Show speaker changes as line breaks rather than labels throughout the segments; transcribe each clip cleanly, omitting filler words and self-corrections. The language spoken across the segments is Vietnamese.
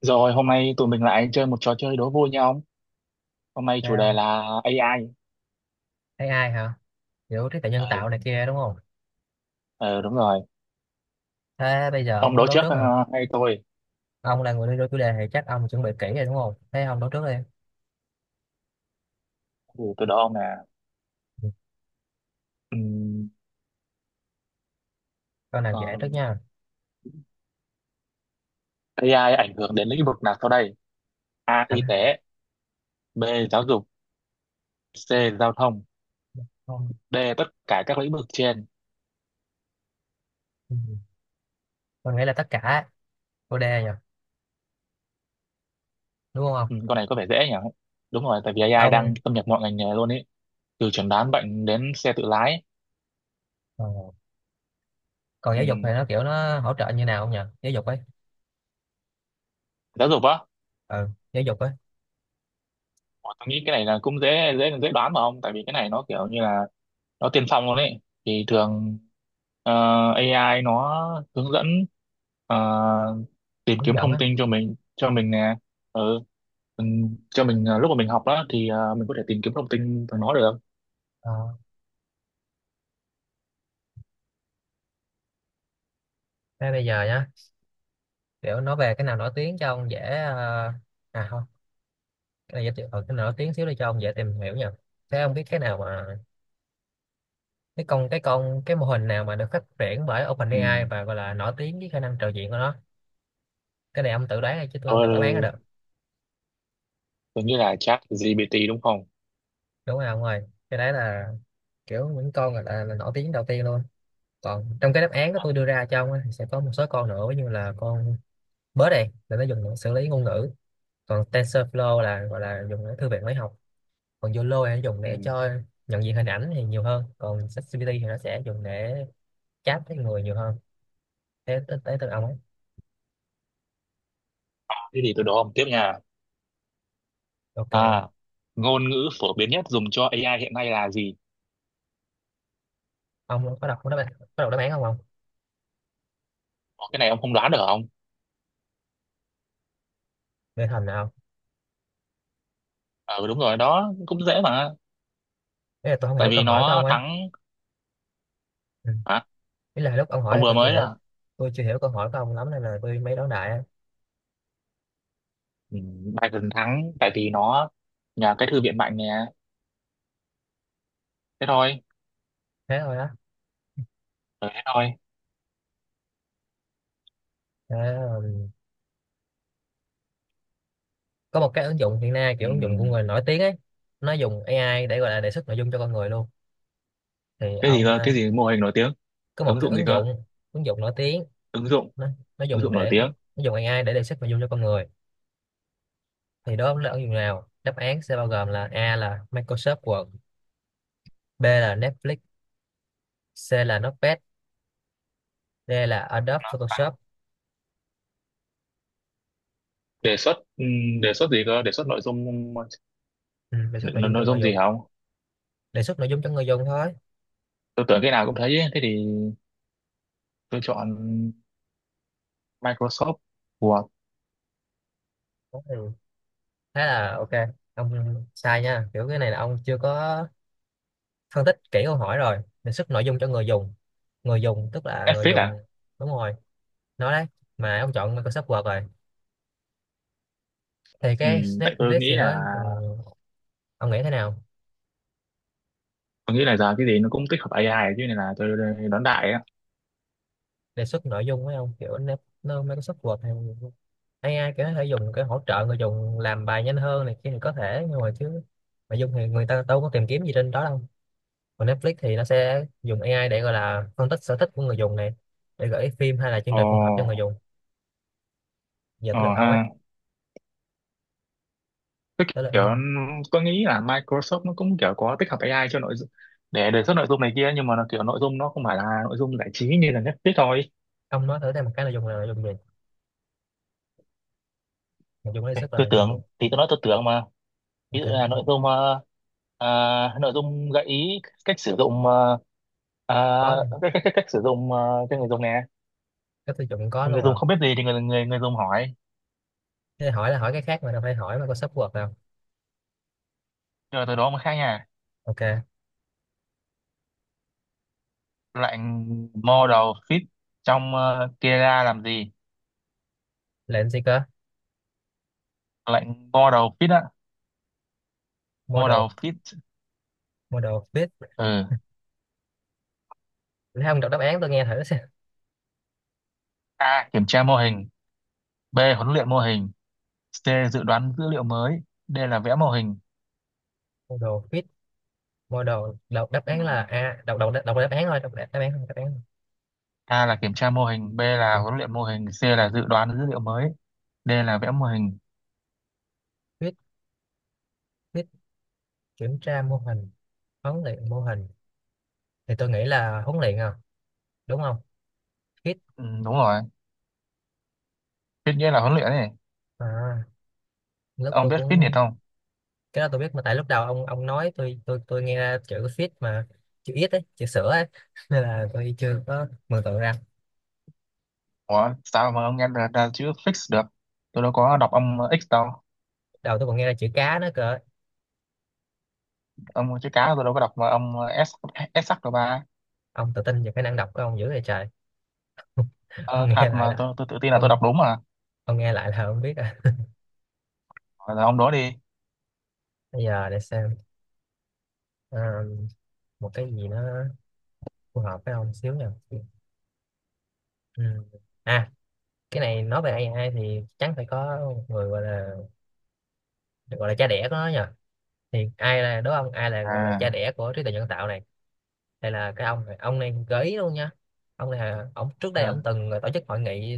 Rồi hôm nay tụi mình lại chơi một trò chơi đố vui nha ông. Hôm nay
Thấy
chủ đề
không?
là AI.
Thấy ai hả? Kiểu trí tuệ nhân
Ờ,
tạo này kia đúng không?
ờ, đúng rồi.
Thế bây giờ ông
Ông
muốn
đố
đấu
trước
trước hả?
hay tôi?
Ông là người đưa đôi chủ đề thì chắc ông chuẩn bị kỹ rồi đúng không? Thế ông đấu trước đi.
Ừ, tôi đố ông là
Ừ.
ừm,
Câu nào dễ
ờ,
trước nha.
AI ảnh hưởng đến lĩnh vực nào sau đây? A.
Ảnh
Y
hưởng
tế. B. Giáo dục. C. Giao thông.
không?
D. Tất cả các lĩnh vực trên.
Ừ. Tôi nghĩ là tất cả chủ đề nhỉ? Đúng không?
Ừ, con này có vẻ dễ nhỉ? Đúng rồi, tại vì AI đang
Ông
xâm nhập mọi ngành nghề luôn ấy. Từ chẩn đoán bệnh đến xe tự lái.
Ông ờ. Còn giáo dục thì
Ừm,
nó kiểu nó hỗ trợ như nào không nhỉ? Giáo dục ấy.
giáo dục á?
Ừ, giáo dục ấy,
Ủa, tôi nghĩ cái này là cũng dễ dễ dễ đoán mà ông, tại vì cái này nó kiểu như là nó tiên phong luôn đấy thì thường ờ, AI nó hướng dẫn, ờ, tìm
hướng
kiếm
dẫn
thông
á.
tin cho mình nè. Ừ, mình cho mình lúc mà mình học đó thì mình có thể tìm kiếm thông tin từ nó được.
Ờ. Thế bây giờ nhá, kiểu nói về cái nào nổi tiếng cho ông dễ à không, cái này giới thiệu cái nào nổi tiếng xíu đi cho ông dễ tìm hiểu nha. Thế ông biết cái nào mà cái mô hình nào mà được phát triển bởi
Ừ.
OpenAI và gọi là nổi tiếng với khả năng trò chuyện của nó. Cái này ông tự đoán thôi chứ tôi không
Thôi
đọc đáp án ra
rồi,
được,
tôi nghĩ là chat GPT đúng không?
đúng không ông ơi? Cái đấy là kiểu những con là nổi tiếng đầu tiên luôn. Còn trong cái đáp án của tôi đưa ra cho ông á, thì sẽ có một số con nữa như là con bớt này là nó dùng để xử lý ngôn ngữ, còn TensorFlow là gọi là dùng để thư viện máy học, còn YOLO là dùng
Ừ,
để cho nhận diện hình ảnh thì nhiều hơn, còn ChatGPT thì nó sẽ dùng để chat với người nhiều hơn. Thế tới tới từ ông ấy.
thế thì từ đó ông tiếp nha.
Ok.
À, ngôn ngữ phổ biến nhất dùng cho AI hiện nay là gì?
Ông có đọc có đáp án, có đọc đáp án không ông?
Ủa, cái này ông không đoán được không?
Nghe thầm nào.
Ừ, đúng rồi đó, cũng dễ mà.
Ý là tôi không
Tại
hiểu
vì
câu hỏi của ông
nó
ấy.
thắng.
Ừ.
Hả?
Ý là lúc ông hỏi
Ông
thì
vừa
tôi chưa
mới
hiểu.
à?
Tôi chưa hiểu câu hỏi của ông lắm nên là tôi mới đón đại á.
Ừ, Biden thắng tại vì nó nhà cái thư viện mạnh nè, thế thôi.
Thế thôi á.
Ừ, thế thôi.
Thế, ờ, Có một cái ứng dụng hiện nay
Ừ.
kiểu ứng dụng của người nổi tiếng ấy. Nó dùng AI để gọi là đề xuất nội dung cho con người luôn. Thì
Cái gì
ông
cơ? Cái gì mô hình nổi tiếng?
có một
Ứng
cái
dụng gì
ứng
cơ?
dụng. Ứng dụng nổi tiếng.
Ứng dụng,
Nó, nó
ứng
dùng
dụng nổi
để nó,
tiếng.
nó dùng AI để đề xuất nội dung cho con người. Thì đó là ứng dụng nào? Đáp án sẽ bao gồm là A là Microsoft Word, B là Netflix, C là Notepad, D là Adobe Photoshop.
Đề xuất đề xuất gì cơ? Đề xuất nội dung
Ừ, Đề xuất nội dung cho
nội
người
dung
dùng,
gì không?
đề xuất nội dung cho người dùng thôi.
Tôi tưởng cái nào cũng thấy ấy. Thế thì tôi chọn Microsoft của.
Đó thì là ok, ông sai nha, kiểu cái này là ông chưa có phân tích kỹ câu hỏi rồi. Đề xuất nội dung cho người dùng, người dùng tức là người
Netflix
dùng.
à?
Đúng rồi, nói đấy, mà ông chọn Microsoft Word rồi. Thì
Ừ,
cái
tại
Snake
tôi
List
nghĩ
thì nó
là,
ông nghĩ thế nào?
tôi nghĩ là giờ cái gì nó cũng tích hợp AI chứ, nên là tôi đoán đại á.
Đề xuất nội dung với ông kiểu nó Microsoft Word hay AI kiểu nó thể dùng cái hỗ trợ người dùng làm bài nhanh hơn này kia thì có thể, nhưng mà chứ nội dung thì người ta đâu có tìm kiếm gì trên đó đâu. Còn Netflix thì nó sẽ dùng AI để gọi là phân tích sở thích của người dùng này, để gửi phim hay là chương trình phù hợp cho người
Ồ.
dùng. Giờ
Ồ
tới lượt ông ấy.
ha. Cái
Tới lượt
kiểu
ông.
tôi nghĩ là Microsoft nó cũng kiểu có tích hợp AI cho nội dung để đề xuất nội dung này kia, nhưng mà nó kiểu nội dung nó không phải là nội dung giải trí như là Netflix thôi.
Ông nói thử thêm một cái nội dung là nội dung gì, nội dung lấy
Ê,
sức là
tôi
nội dung gì.
tưởng thì tôi nói tôi tưởng mà. Ví
Ok.
dụ là
Không,
nội dung nội dung gợi ý cách sử dụng,
có
ờ,
luôn
cách sử dụng cho người dùng nè.
cái tiêu chuẩn, có
Người
luôn hả?
dùng không biết gì thì người người người dùng hỏi,
Thế hỏi là hỏi cái khác mà đâu phải hỏi mà có sub word đâu.
rồi từ đó mới khác nha.
Ok.
Lệnh model fit trong kia ra làm gì?
Lệnh gì cơ?
Lệnh model fit á. Model
Model.
fit.
Model fit.
Ừ.
Thấy ông đọc đáp án tôi nghe thử xem.
A. Kiểm tra mô hình. B. Huấn luyện mô hình. C. Dự đoán dữ liệu mới. D. Là vẽ mô hình.
Model fit. Model đọc đáp án là
Ừm,
a, đọc đọc đọc đáp án thôi, đọc đáp án không đáp án.
A là kiểm tra mô hình. B là
Không.
huấn luyện mô hình. C là dự đoán dữ liệu mới. D là vẽ mô hình.
Fit. Fit. Kiểm tra mô hình, huấn luyện mô hình, thì tôi nghĩ là huấn luyện à, đúng không? Hit.
Đúng rồi. Fit nghĩa là huấn luyện này.
À, lúc
Ông
tôi
biết fitness
cũng
không?
cái đó tôi biết mà, tại lúc đầu ông nói tôi nghe ra chữ fit mà, chữ ít ấy, chữ sữa ấy nên là tôi chưa có mường tượng ra.
Ủa, sao mà ông nghe ra, ra chữ fix được? Tôi đâu có đọc âm X đâu.
Đầu tôi còn nghe ra chữ cá nữa cơ.
Âm chữ cá tôi đâu có đọc mà âm S, S sắc đâu ba.
Ông tự tin về khả năng đọc của ông dữ vậy trời. Ông
Ờ, thật
nghe lại
mà,
là
tôi tự tin là tôi
ông
đọc đúng mà.
ông nghe lại là ông biết à.
Rồi là ông đó đi.
Bây giờ để xem. Ờ, một cái gì nó phù hợp với ông xíu nha. Ừ. À, cái này nói về AI thì chắc phải có một người gọi là cha đẻ của nó nhỉ. Thì ai là đố ông, ai là gọi là cha
À,
đẻ của trí tuệ nhân tạo này? Đây là cái ông này, ông này gợi ý luôn nha. Ông này là ông trước đây ông
ừ.
từng tổ chức hội nghị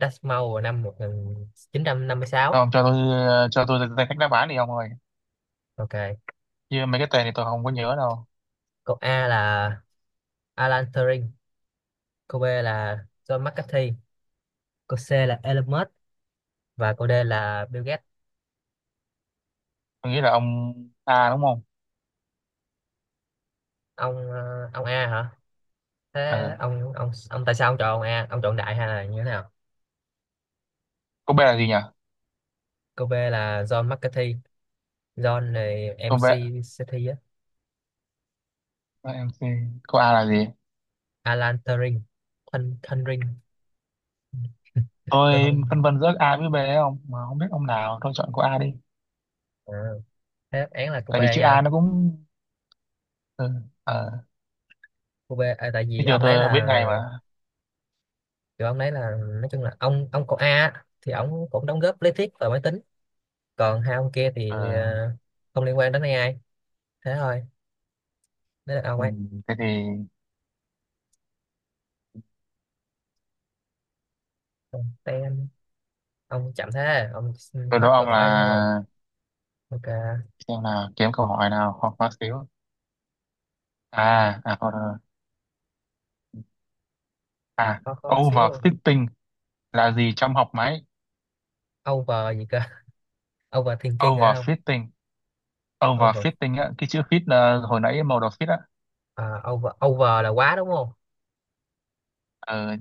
Dartmouth vào năm 1956.
Thôi ông cho tôi ra cách đáp án đi ông ơi.
Ok.
Chứ mấy cái tên thì tôi không có nhớ đâu.
Câu A là Alan Turing, câu B là John McCarthy, câu C là Elon Musk, và câu D là Bill Gates.
Tôi nghĩ là ông A đúng không?
Ông ông A hả? Thế
Ờ.
ông ông tại sao ông chọn ông A, ông chọn đại hay là như thế nào?
Cô B là gì nhỉ?
Câu B là John McCarthy, John này
Cô B,
MC.
MC. Cô A là gì?
Alan Turing. Thanh Thanh Ring. Tôi
Tôi
không.
phân vân giữa A với B đấy không? Mà không biết ông nào, tôi chọn cô A đi.
À, thế đáp án là cô B
Tại vì chữ A
nha.
nó cũng... Ừ. Ờ.
Cô B à, tại
Thế
vì
giờ
ông đấy
tôi biết
là
ngay mà.
kiểu ông đấy là nói chung là ông cậu A á, thì ông cũng đóng góp lý thuyết và máy tính, còn hai ông kia thì
Ờ.
không liên quan đến AI, thế thôi, đấy là ông
Ừ.
ấy.
Thế thì
Còn tên ông chậm thế ông xin
tôi
hết
đố
câu
ông
hỏi đúng không?
là...
Ok.
Xem nào, kiếm câu hỏi nào khó khó xíu. À, à, thôi, thôi. À,
Khó khó xíu luôn.
overfitting là gì trong học máy?
Over gì cơ? Over overthinking hả? Không.
Overfitting.
Over.
Overfitting á, cái chữ fit là hồi nãy màu đỏ fit á.
À, over, over là quá đúng không?
ờ,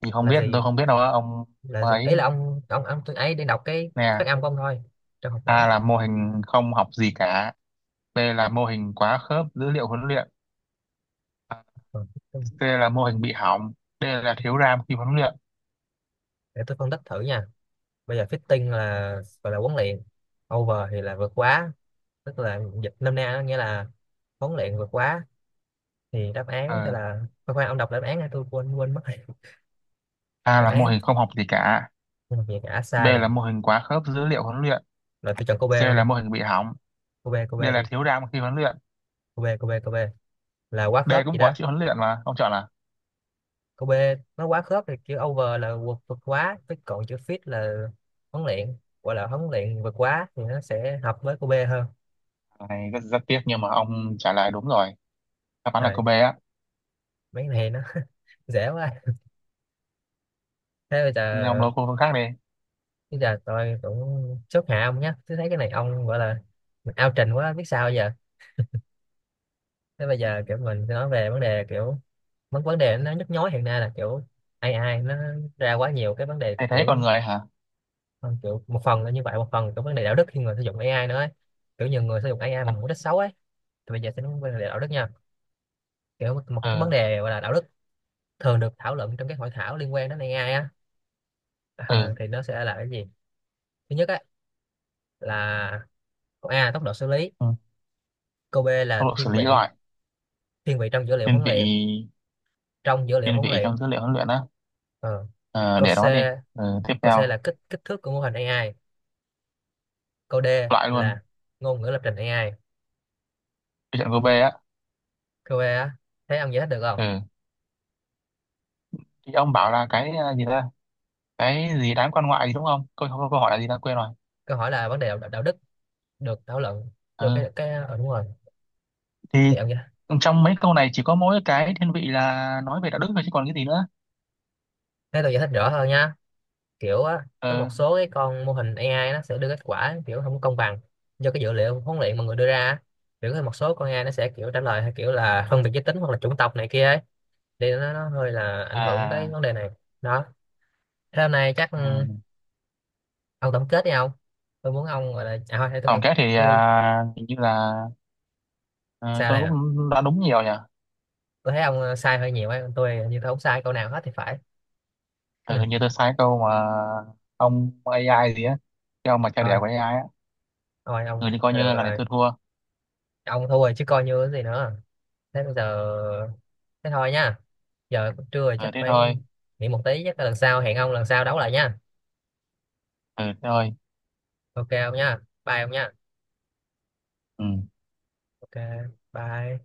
thì không
Là
biết,
gì?
tôi không biết đâu á, ông.
Là gì?
Ấy
Ấy là ông tôi ấy đang đọc cái phát
nè.
âm của ông thôi. Trong học máy.
A là mô hình không học gì cả. B là mô hình quá khớp dữ liệu huấn luyện. À,
Còn fitting,
C là mô hình bị hỏng. D là thiếu RAM khi huấn luyện.
để tôi phân tích thử nha. Bây giờ fitting là gọi là huấn luyện, over thì là vượt quá, tức là dịch nôm na nó nghĩa là huấn luyện vượt quá, thì đáp án sẽ
ờ,
là khoan khoan ông đọc đáp án này tôi quên quên mất rồi.
A
Đáp
là mô
án,
hình không học gì cả.
nhưng mà việc đã
B
sai này,
là mô hình quá khớp dữ liệu huấn luyện.
rồi tôi chọn cô B
C
luôn đi.
là mô hình bị hỏng.
Cô B cô
D
B
là
đi
thiếu RAM khi huấn luyện.
cô B cô B cô B Là quá
D
khớp gì
cũng
đó.
có chữ huấn luyện mà ông chọn là?
Câu B. Nó quá khớp, thì chữ over là vượt vượt quá, với còn chữ fit là huấn luyện, gọi là huấn luyện vượt quá thì nó sẽ hợp với câu B hơn.
Cái này rất, rất tiếc nhưng mà ông trả lời đúng rồi. Đáp án là
Thời
câu B á.
mấy cái này nó dễ quá. Thế
Nên ông đố câu khác đi.
bây giờ tôi cũng chốt hạ ông nhé, tôi thấy cái này ông gọi là mình ao trình quá biết sao giờ. Thế bây
Ừ.
giờ kiểu mình sẽ nói về vấn đề kiểu vấn vấn đề nó nhức nhối hiện nay là kiểu ai ai nó ra quá nhiều cái vấn đề,
Thầy thấy con
kiểu
người hả?
kiểu một phần là như vậy, một phần là cái vấn đề đạo đức khi người sử dụng AI nữa ấy. Kiểu nhiều người sử dụng AI mà mục đích xấu ấy. Thì bây giờ sẽ nói về vấn đề đạo đức nha. Kiểu một, cái vấn
Ừ.
đề gọi là đạo đức thường được thảo luận trong các hội thảo liên quan đến AI á,
Ừ.
thì nó sẽ là cái gì. Thứ nhất á, là câu A tốc độ xử lý,
Ừ.
câu B là
Tốc độ xử
thiên
lý
vị,
gọi.
thiên vị trong dữ liệu
Thiên
huấn
vị.
luyện, trong dữ liệu
Thiên
huấn
vị
luyện.
trong dữ liệu huấn luyện á.
Ờ.
Ờ,
Câu
để
C,
đó đi. Ờ, tiếp
câu C
theo.
là kích kích thước của mô hình AI. Câu D
Loại luôn.
là ngôn ngữ lập trình AI.
Cái trận cô bê á.
Câu E á. Thấy ông giải thích được không?
Ừ. Thì ông bảo là cái, gì ta, cái gì đám quan ngoại gì đúng không? Câu hỏi là gì ta quên rồi.
Câu hỏi là vấn đề đạo đức được thảo luận vô
Ừ.
cái ừ, đúng rồi,
Thì
thì ông giải thấy.
trong mấy câu này chỉ có mỗi cái thiên vị là nói về đạo đức thôi chứ còn cái gì nữa.
Tôi giải thích rõ hơn nhá. Kiểu á có
Ừ.
một số cái con mô hình AI nó sẽ đưa kết quả kiểu không công bằng do cái dữ liệu huấn luyện mà người đưa ra á. Kiểu có một số con AI nó sẽ kiểu trả lời theo kiểu là phân biệt giới tính hoặc là chủng tộc này kia ấy, thì nó hơi là ảnh hưởng tới
À.
vấn đề này. Đó. Thế hôm nay chắc
Ừ.
ông tổng kết đi ông. Tôi muốn ông gọi là à thôi để
Tổng kết thì
tôi
à, hình như là ờ,
sao
tôi
nè.
cũng đã đúng nhiều nhỉ.
Tôi thấy ông sai hơi nhiều ấy, còn tôi như tôi không sai câu nào hết thì phải.
Ừ,
Ừ.
hình như tôi sai câu mà. Ông AI gì á, cái ông mà cha đẻ
thôi
của AI á.
thôi
Ừ,
ông
thì coi
thôi
như
được
là này
rồi.
tôi thua.
Ông thua rồi chứ coi như cái gì nữa. Thế bây giờ, thế thôi nha, giờ cũng trưa rồi
Ừ,
chắc
thế
phải
thôi.
nghỉ một tí, chắc là lần sau hẹn ông lần sau đấu lại nha.
Ừ, thế thôi.
Ok không nha. Bye ông nha.
Ừ.
Ok. Bye.